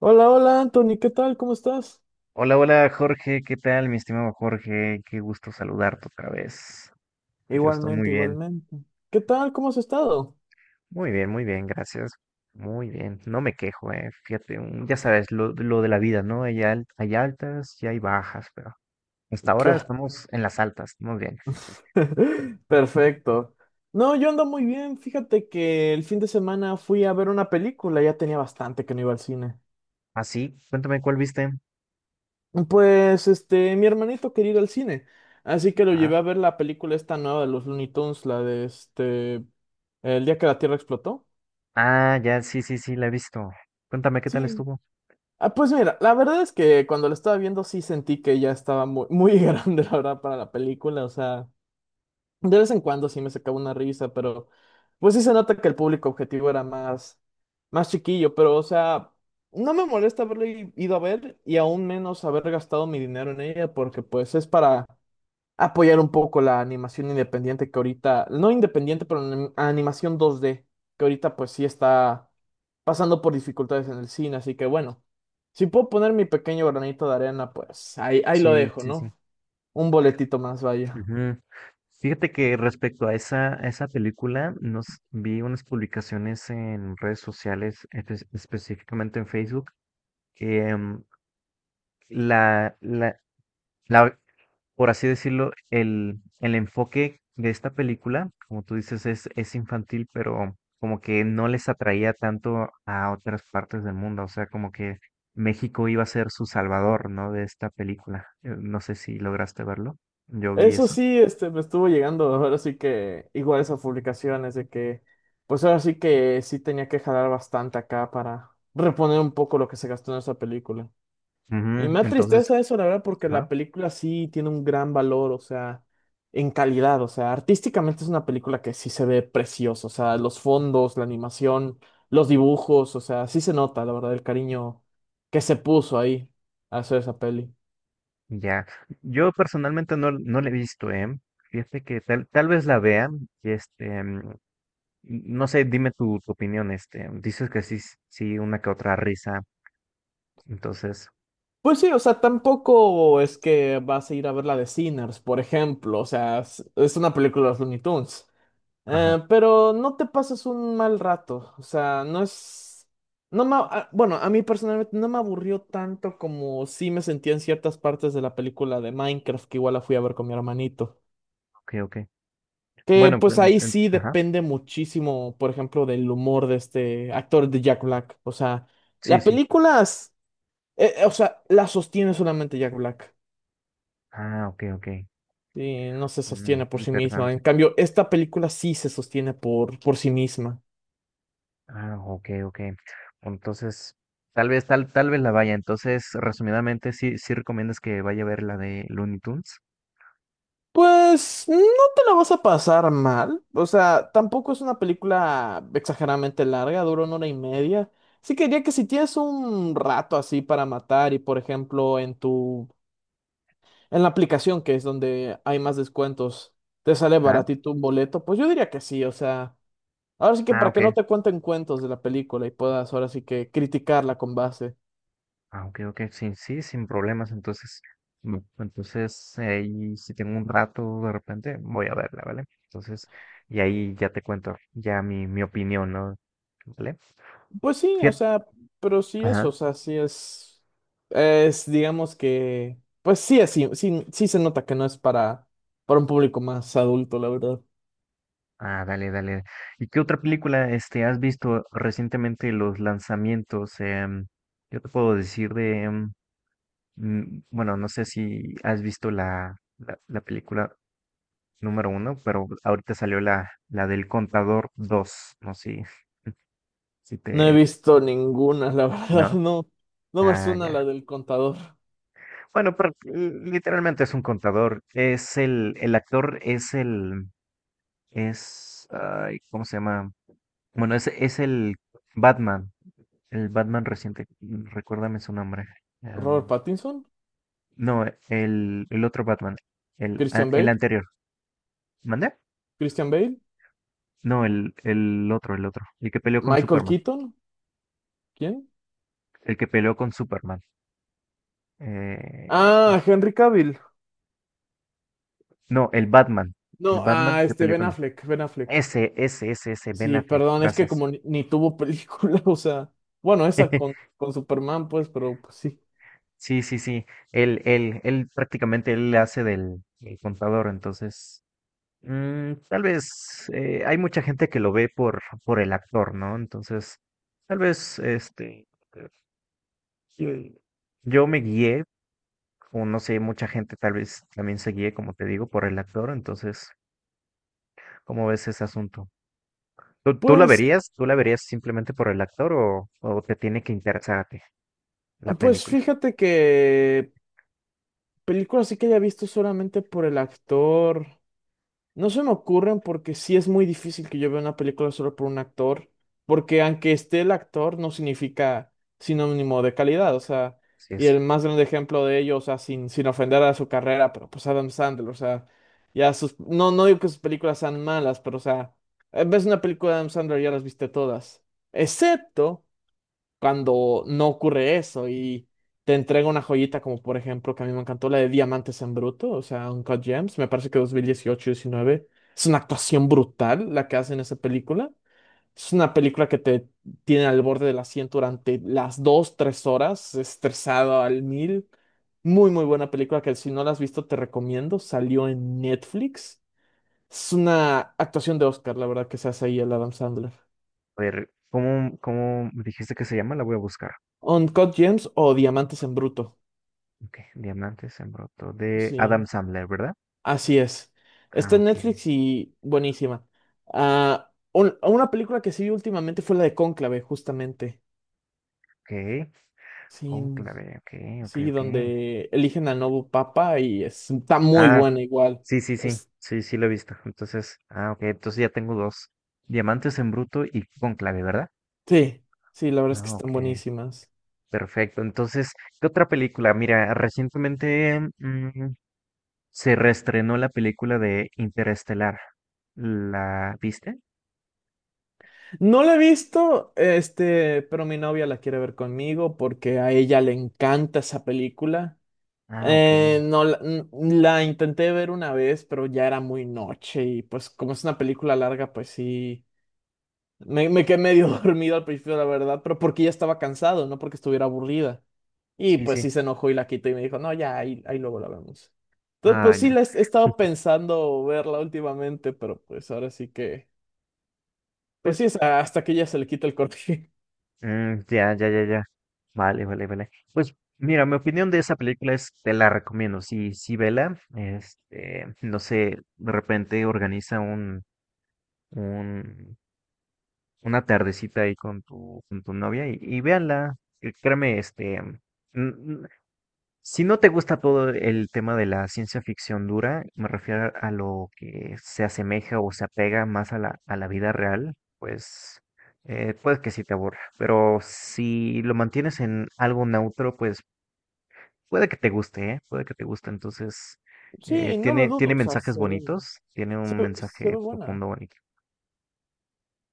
Hola, hola Anthony, ¿qué tal? ¿Cómo estás? Hola, hola Jorge, ¿qué tal, mi estimado Jorge? Qué gusto saludarte otra vez. Yo estoy muy Igualmente, bien, igualmente. ¿Qué tal? ¿Cómo has estado? muy bien, gracias. Muy bien, no me quejo, Fíjate, ya sabes, lo de la vida, ¿no? Hay altas y hay bajas, pero hasta ahora Claro. estamos en las altas, muy bien. Perfecto. No, yo ando muy bien. Fíjate que el fin de semana fui a ver una película, ya tenía bastante que no iba al cine. Así, cuéntame cuál viste. Pues, este, mi hermanito quería ir al cine, así que lo Ah, llevé a ver la película esta nueva de los Looney Tunes, la de este, El día que la Tierra explotó. ah, ya, sí, sí, sí, la he visto. Cuéntame qué tal Sí. estuvo. Ah, pues mira, la verdad es que cuando la estaba viendo sí sentí que ya estaba muy grande, la verdad, para la película, o sea. De vez en cuando sí me sacaba una risa, pero pues sí se nota que el público objetivo era más, más chiquillo, pero o sea, no me molesta haberle ido a ver y aún menos haber gastado mi dinero en ella, porque pues es para apoyar un poco la animación independiente que ahorita, no independiente, pero animación dos d que ahorita pues sí está pasando por dificultades en el cine, así que bueno, si puedo poner mi pequeño granito de arena, pues ahí, ahí lo Sí, dejo, sí, sí. ¿no? Un boletito más, vaya. Ujú. Fíjate que respecto a a esa película, nos vi unas publicaciones en redes sociales, específicamente en Facebook, que la, la, la- por así decirlo, el enfoque de esta película, como tú dices, es infantil, pero como que no les atraía tanto a otras partes del mundo. O sea, como que México iba a ser su salvador, ¿no? De esta película. No sé si lograste verlo. Yo vi Eso eso. sí, este, me estuvo llegando, ahora sí que igual esas publicaciones de que, pues ahora sí que sí tenía que jalar bastante acá para reponer un poco lo que se gastó en esa película. Y Ujú. me da Entonces, tristeza eso, la verdad, porque ajá, la película sí tiene un gran valor, o sea, en calidad, o sea, artísticamente es una película que sí se ve preciosa, o sea, los fondos, la animación, los dibujos, o sea, sí se nota, la verdad, el cariño que se puso ahí a hacer esa peli. ya. Yo personalmente no la he visto, ¿eh? Fíjate que tal vez la vea y este, no sé, dime tu opinión, este, dices que sí, sí, una que otra risa, entonces, Pues sí, o sea, tampoco es que vas a ir a ver la de Sinners, por ejemplo, o sea, es una película de los Looney Tunes. ajá, Pero no te pasas un mal rato, o sea, no es, no me, bueno, a mí personalmente no me aburrió tanto como sí me sentía en ciertas partes de la película de Minecraft, que igual la fui a ver con mi hermanito, ok, ok. que Bueno, pues pues, ahí sí ajá, depende muchísimo, por ejemplo, del humor de este actor de Jack Black, o sea, sí, la sí. película, o sea, la sostiene solamente Jack Black. Ah, ok, ok. Y no se Mm, sostiene por sí misma. interesante. En cambio, esta película sí se sostiene por sí misma. Ah, ok, ok. Entonces, tal vez la vaya. Entonces, resumidamente, sí recomiendas que vaya a ver la de Looney Tunes. Pues no te la vas a pasar mal. O sea, tampoco es una película exageradamente larga, dura una hora y media. Sí que diría que si tienes un rato así para matar y por ejemplo en tu en la aplicación que es donde hay más descuentos, te sale Ah, baratito un boleto, pues yo diría que sí, o sea, ahora sí que ah, para que no ok. te cuenten cuentos de la película y puedas ahora sí que criticarla con base. Ah, ok, ok, sí, sí, sin problemas. Entonces, entonces ahí si tengo un rato de repente, voy a verla, ¿vale? Entonces, y ahí ya te cuento ya mi opinión, ¿no? ¿Vale? Pues sí, o Fíjate. sea, pero sí es, o Ajá. sea, sí es, digamos que, pues sí es, sí, sí, sí se nota que no es para un público más adulto, la verdad. Ah, dale, dale. ¿Y qué otra película este has visto recientemente los lanzamientos? Yo te puedo decir de, bueno, no sé si has visto la película número uno, pero ahorita salió la del Contador dos. No sé si si No he te, visto ninguna, la verdad, ¿No? no, no me Ah, suena la ya. del contador. Bueno, pero literalmente es un contador. Es el actor es el, es, ay, ¿cómo se llama? Bueno, es Batman, el Batman reciente, recuérdame su nombre. Robert Am, Pattinson, no, el otro Batman, Christian el Bale, anterior. ¿Mandé? Christian Bale, No, el otro, el que peleó con Michael Superman, Keaton, ¿quién? el que peleó con Superman. Eh, ¿cómo Ah, se- Henry Cavill. No, el No, Batman ah, que este peleó Ben con... Affleck, Ben Affleck. Ese, Ben Sí, Affleck, perdón, es que gracias. como ni, ni tuvo película, o sea, bueno, esa con Superman, pues, pero pues sí. Sí, sí, sí. Él prácticamente él le hace del contador, entonces tal vez hay mucha gente que lo ve por el actor, ¿no? Entonces, tal vez eh, yo yo me guié, o no sé, mucha gente tal vez también se guíe, como te digo, por el actor, entonces, ¿cómo ves ese asunto? ¿Tú la Pues, verías? ¿Tú la verías simplemente por el actor o te tiene que interesarte la pues película? fíjate que película sí que haya visto solamente por el actor. No se me ocurren porque sí es muy difícil que yo vea una película solo por un actor, porque aunque esté el actor no significa sinónimo de calidad, o sea, Sí. y el más grande ejemplo de ello, o sea, sin, sin ofender a su carrera, pero pues Adam Sandler, o sea, ya sus, no, no digo que sus películas sean malas, pero o sea, ves una película de Adam Sandler y ya las viste todas, excepto cuando no ocurre eso y te entrega una joyita como por ejemplo que a mí me encantó la de Diamantes en Bruto, o sea, Uncut Gems, me parece que 2018 2019 es una actuación brutal la que hace en esa película. Es una película que te tiene al borde del asiento durante las 2, 3 horas, estresado al mil. Muy buena película que si no la has visto te recomiendo. Salió en Netflix. Es una actuación de Oscar, la verdad, que se hace ahí el Adam Sandler. A ver, ¿cómo me dijiste que se llama? La voy a buscar. Uncut Gems o Diamantes en Bruto. Ok, Diamantes en Bruto de Adam Sí. Sandler, ¿verdad? Así es. Ah, Está en ok, Netflix y buenísima. Ah, una película que sí vi últimamente fue la de Cónclave, justamente. ok. Sí, Cónclave, ok, ok, sí, ok. donde eligen al nuevo papa y está muy Ah, buena igual. sí, sí, sí, Es- sí, sí lo he visto. Entonces, ah, ok, entonces ya tengo dos. Diamantes en Bruto y Cónclave, ¿verdad? sí, sí, la verdad es que Ah, están ok, buenísimas. perfecto. Entonces, ¿qué otra película? Mira, recientemente se reestrenó la película de Interestelar. ¿La viste? No la he visto, este, pero mi novia la quiere ver conmigo porque a ella le encanta esa película. Ah, ok, No, la, la intenté ver una vez, pero ya era muy noche y pues como es una película larga, pues sí. Me quedé medio dormido al principio, la verdad, pero porque ya estaba cansado, no porque estuviera aburrida. Y sí, pues sí. sí se enojó y la quitó y me dijo, no, ya, ahí, ahí luego la vemos. Entonces, Ah, pues sí, no. He estado pensando verla últimamente, pero pues ahora sí que, pues sí, Pues, es hasta que ya se le quita el corte. mm, ya, ya, ya, ya. Vale, vale, vale. Pues, mira, mi opinión de esa película es, te la recomiendo. Sí, sí, vela. Este, no sé, de repente organiza un, una tardecita ahí con con tu novia y véanla. Que Créeme, n- si no te gusta todo el tema de la ciencia ficción dura, me refiero a lo que se asemeja o se apega más a a la vida real, pues puede que sí te aburra. Pero si lo mantienes en algo neutro, pues puede que te guste, ¿eh? Puede que te guste. Entonces, Sí, no lo dudo, tiene o sea, mensajes se ve, bonitos, tiene un se ve mensaje buena. profundo bonito.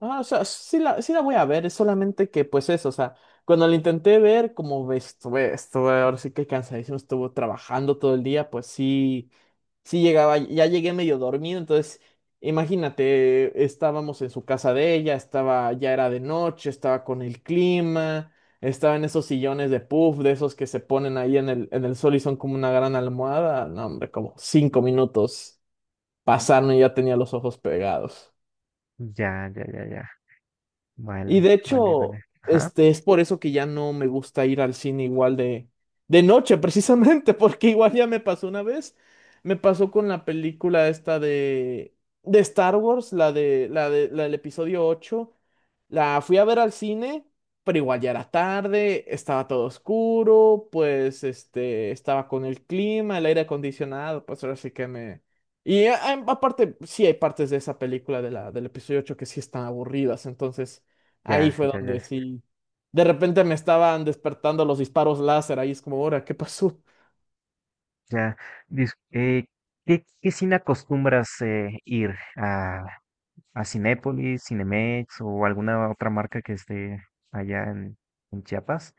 Ah, o sea, sí la, sí la voy a ver, es solamente que, pues eso, o sea, cuando la intenté ver, como ves, estuve, ahora sí que cansadísimo, estuvo trabajando todo el día, pues sí Sí llegaba, ya llegué medio dormido, entonces imagínate, estábamos en su casa de ella, estaba, ya era de noche, estaba con el clima, estaba en esos sillones de puff, de esos que se ponen ahí en el sol y son como una gran almohada. No, hombre, como 5 minutos pasaron y ya tenía los ojos pegados. Ya, ya, ya, ya. Y Vale, de vale, hecho, vale. Ajá. este, es por eso que ya no me gusta ir al cine igual de noche, precisamente, porque igual ya me pasó una vez. Me pasó con la película esta de Star Wars, la de, la de, la del episodio ocho. La fui a ver al cine, pero igual ya era tarde, estaba todo oscuro, pues este, estaba con el clima, el aire acondicionado, pues ahora sí que me... Y aparte, sí hay partes de esa película de la, del episodio 8 que sí están aburridas, entonces ahí Ya, fue ya, donde ya. sí. De repente me estaban despertando los disparos láser. Ahí es como, ahora, ¿qué pasó? Ya, dis- eh, ¿qué cine acostumbras ir a Cinépolis, Cinemex o alguna otra marca que esté allá en Chiapas?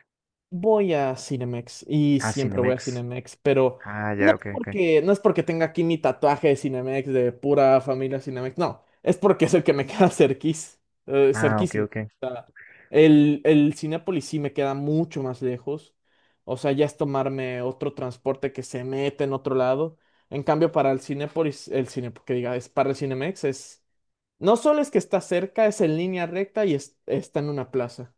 Voy a Cinemex y Ah, siempre voy a Cinemex. Cinemex, pero Ah, no ya, es ok, ok. porque, no es porque tenga aquí mi tatuaje de Cinemex, de pura familia Cinemex, no, es porque es el que me queda cerquís, Ah, ok, cerquísimo. ok. El Cinépolis sí me queda mucho más lejos. O sea, ya es tomarme otro transporte que se mete en otro lado. En cambio, para el Cinépolis, el cine, que diga, es para el Cinemex, es. No solo es que está cerca, es en línea recta y está en una plaza.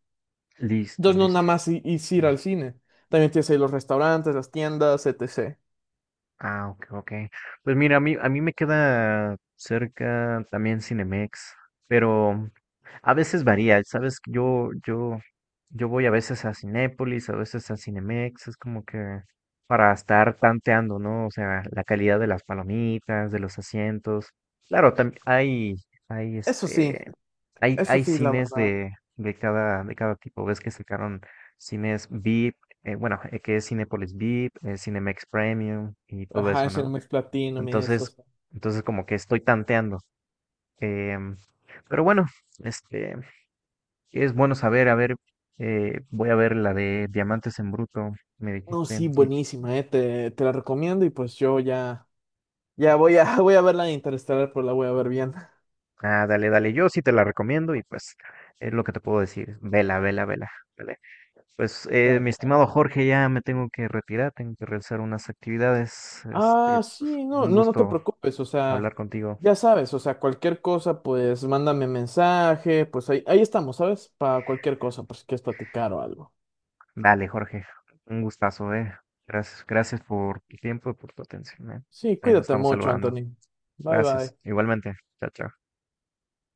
Listo, Entonces, no nada listo. más es ir Mm. al cine. También tienes ahí los restaurantes, las tiendas, etc. Ah, ok, ok. Pues mira, a mí me queda cerca también Cinemex, pero a veces varía, ¿sabes? Yo voy a veces a Cinépolis, a veces a Cinemex, es como que para estar tanteando, ¿no? O sea, la calidad de las palomitas, de los asientos. Claro, hay Eso sí, este, eso hay sí, la cines verdad. de, de cada tipo. Ves que sacaron cines VIP bueno, que es Cinepolis VIP, Cinemex Premium y todo Ajá, eso, el ¿no? Cinemex Platinum y eso. Entonces, Está- entonces como que estoy tanteando. em, pero bueno, este, es bueno saber, a ver, voy a ver la de Diamantes en Bruto, me No, dijiste. sí, Y, buenísima, eh. Te la recomiendo y pues yo ya. Ya voy a, voy a ver la de Interestelar, pero la voy a ver bien. ah, dale, dale, yo sí te la recomiendo y pues es lo que te puedo decir. Vela. Pues mi Bueno. estimado Jorge, ya me tengo que retirar, tengo que realizar unas actividades. Este, Ah, pues, sí, no, un no, no te gusto preocupes, o hablar sea, contigo. ya sabes, o sea, cualquier cosa, pues mándame mensaje, pues ahí, ahí estamos, ¿sabes? Para cualquier cosa, pues si quieres platicar o algo. Dale, Jorge, un gustazo, eh. Gracias, gracias por tu tiempo y por tu atención, eh. Sí, Ahí nos cuídate estamos mucho, saludando. Anthony. Bye, Gracias. bye. Igualmente. Chao, chao.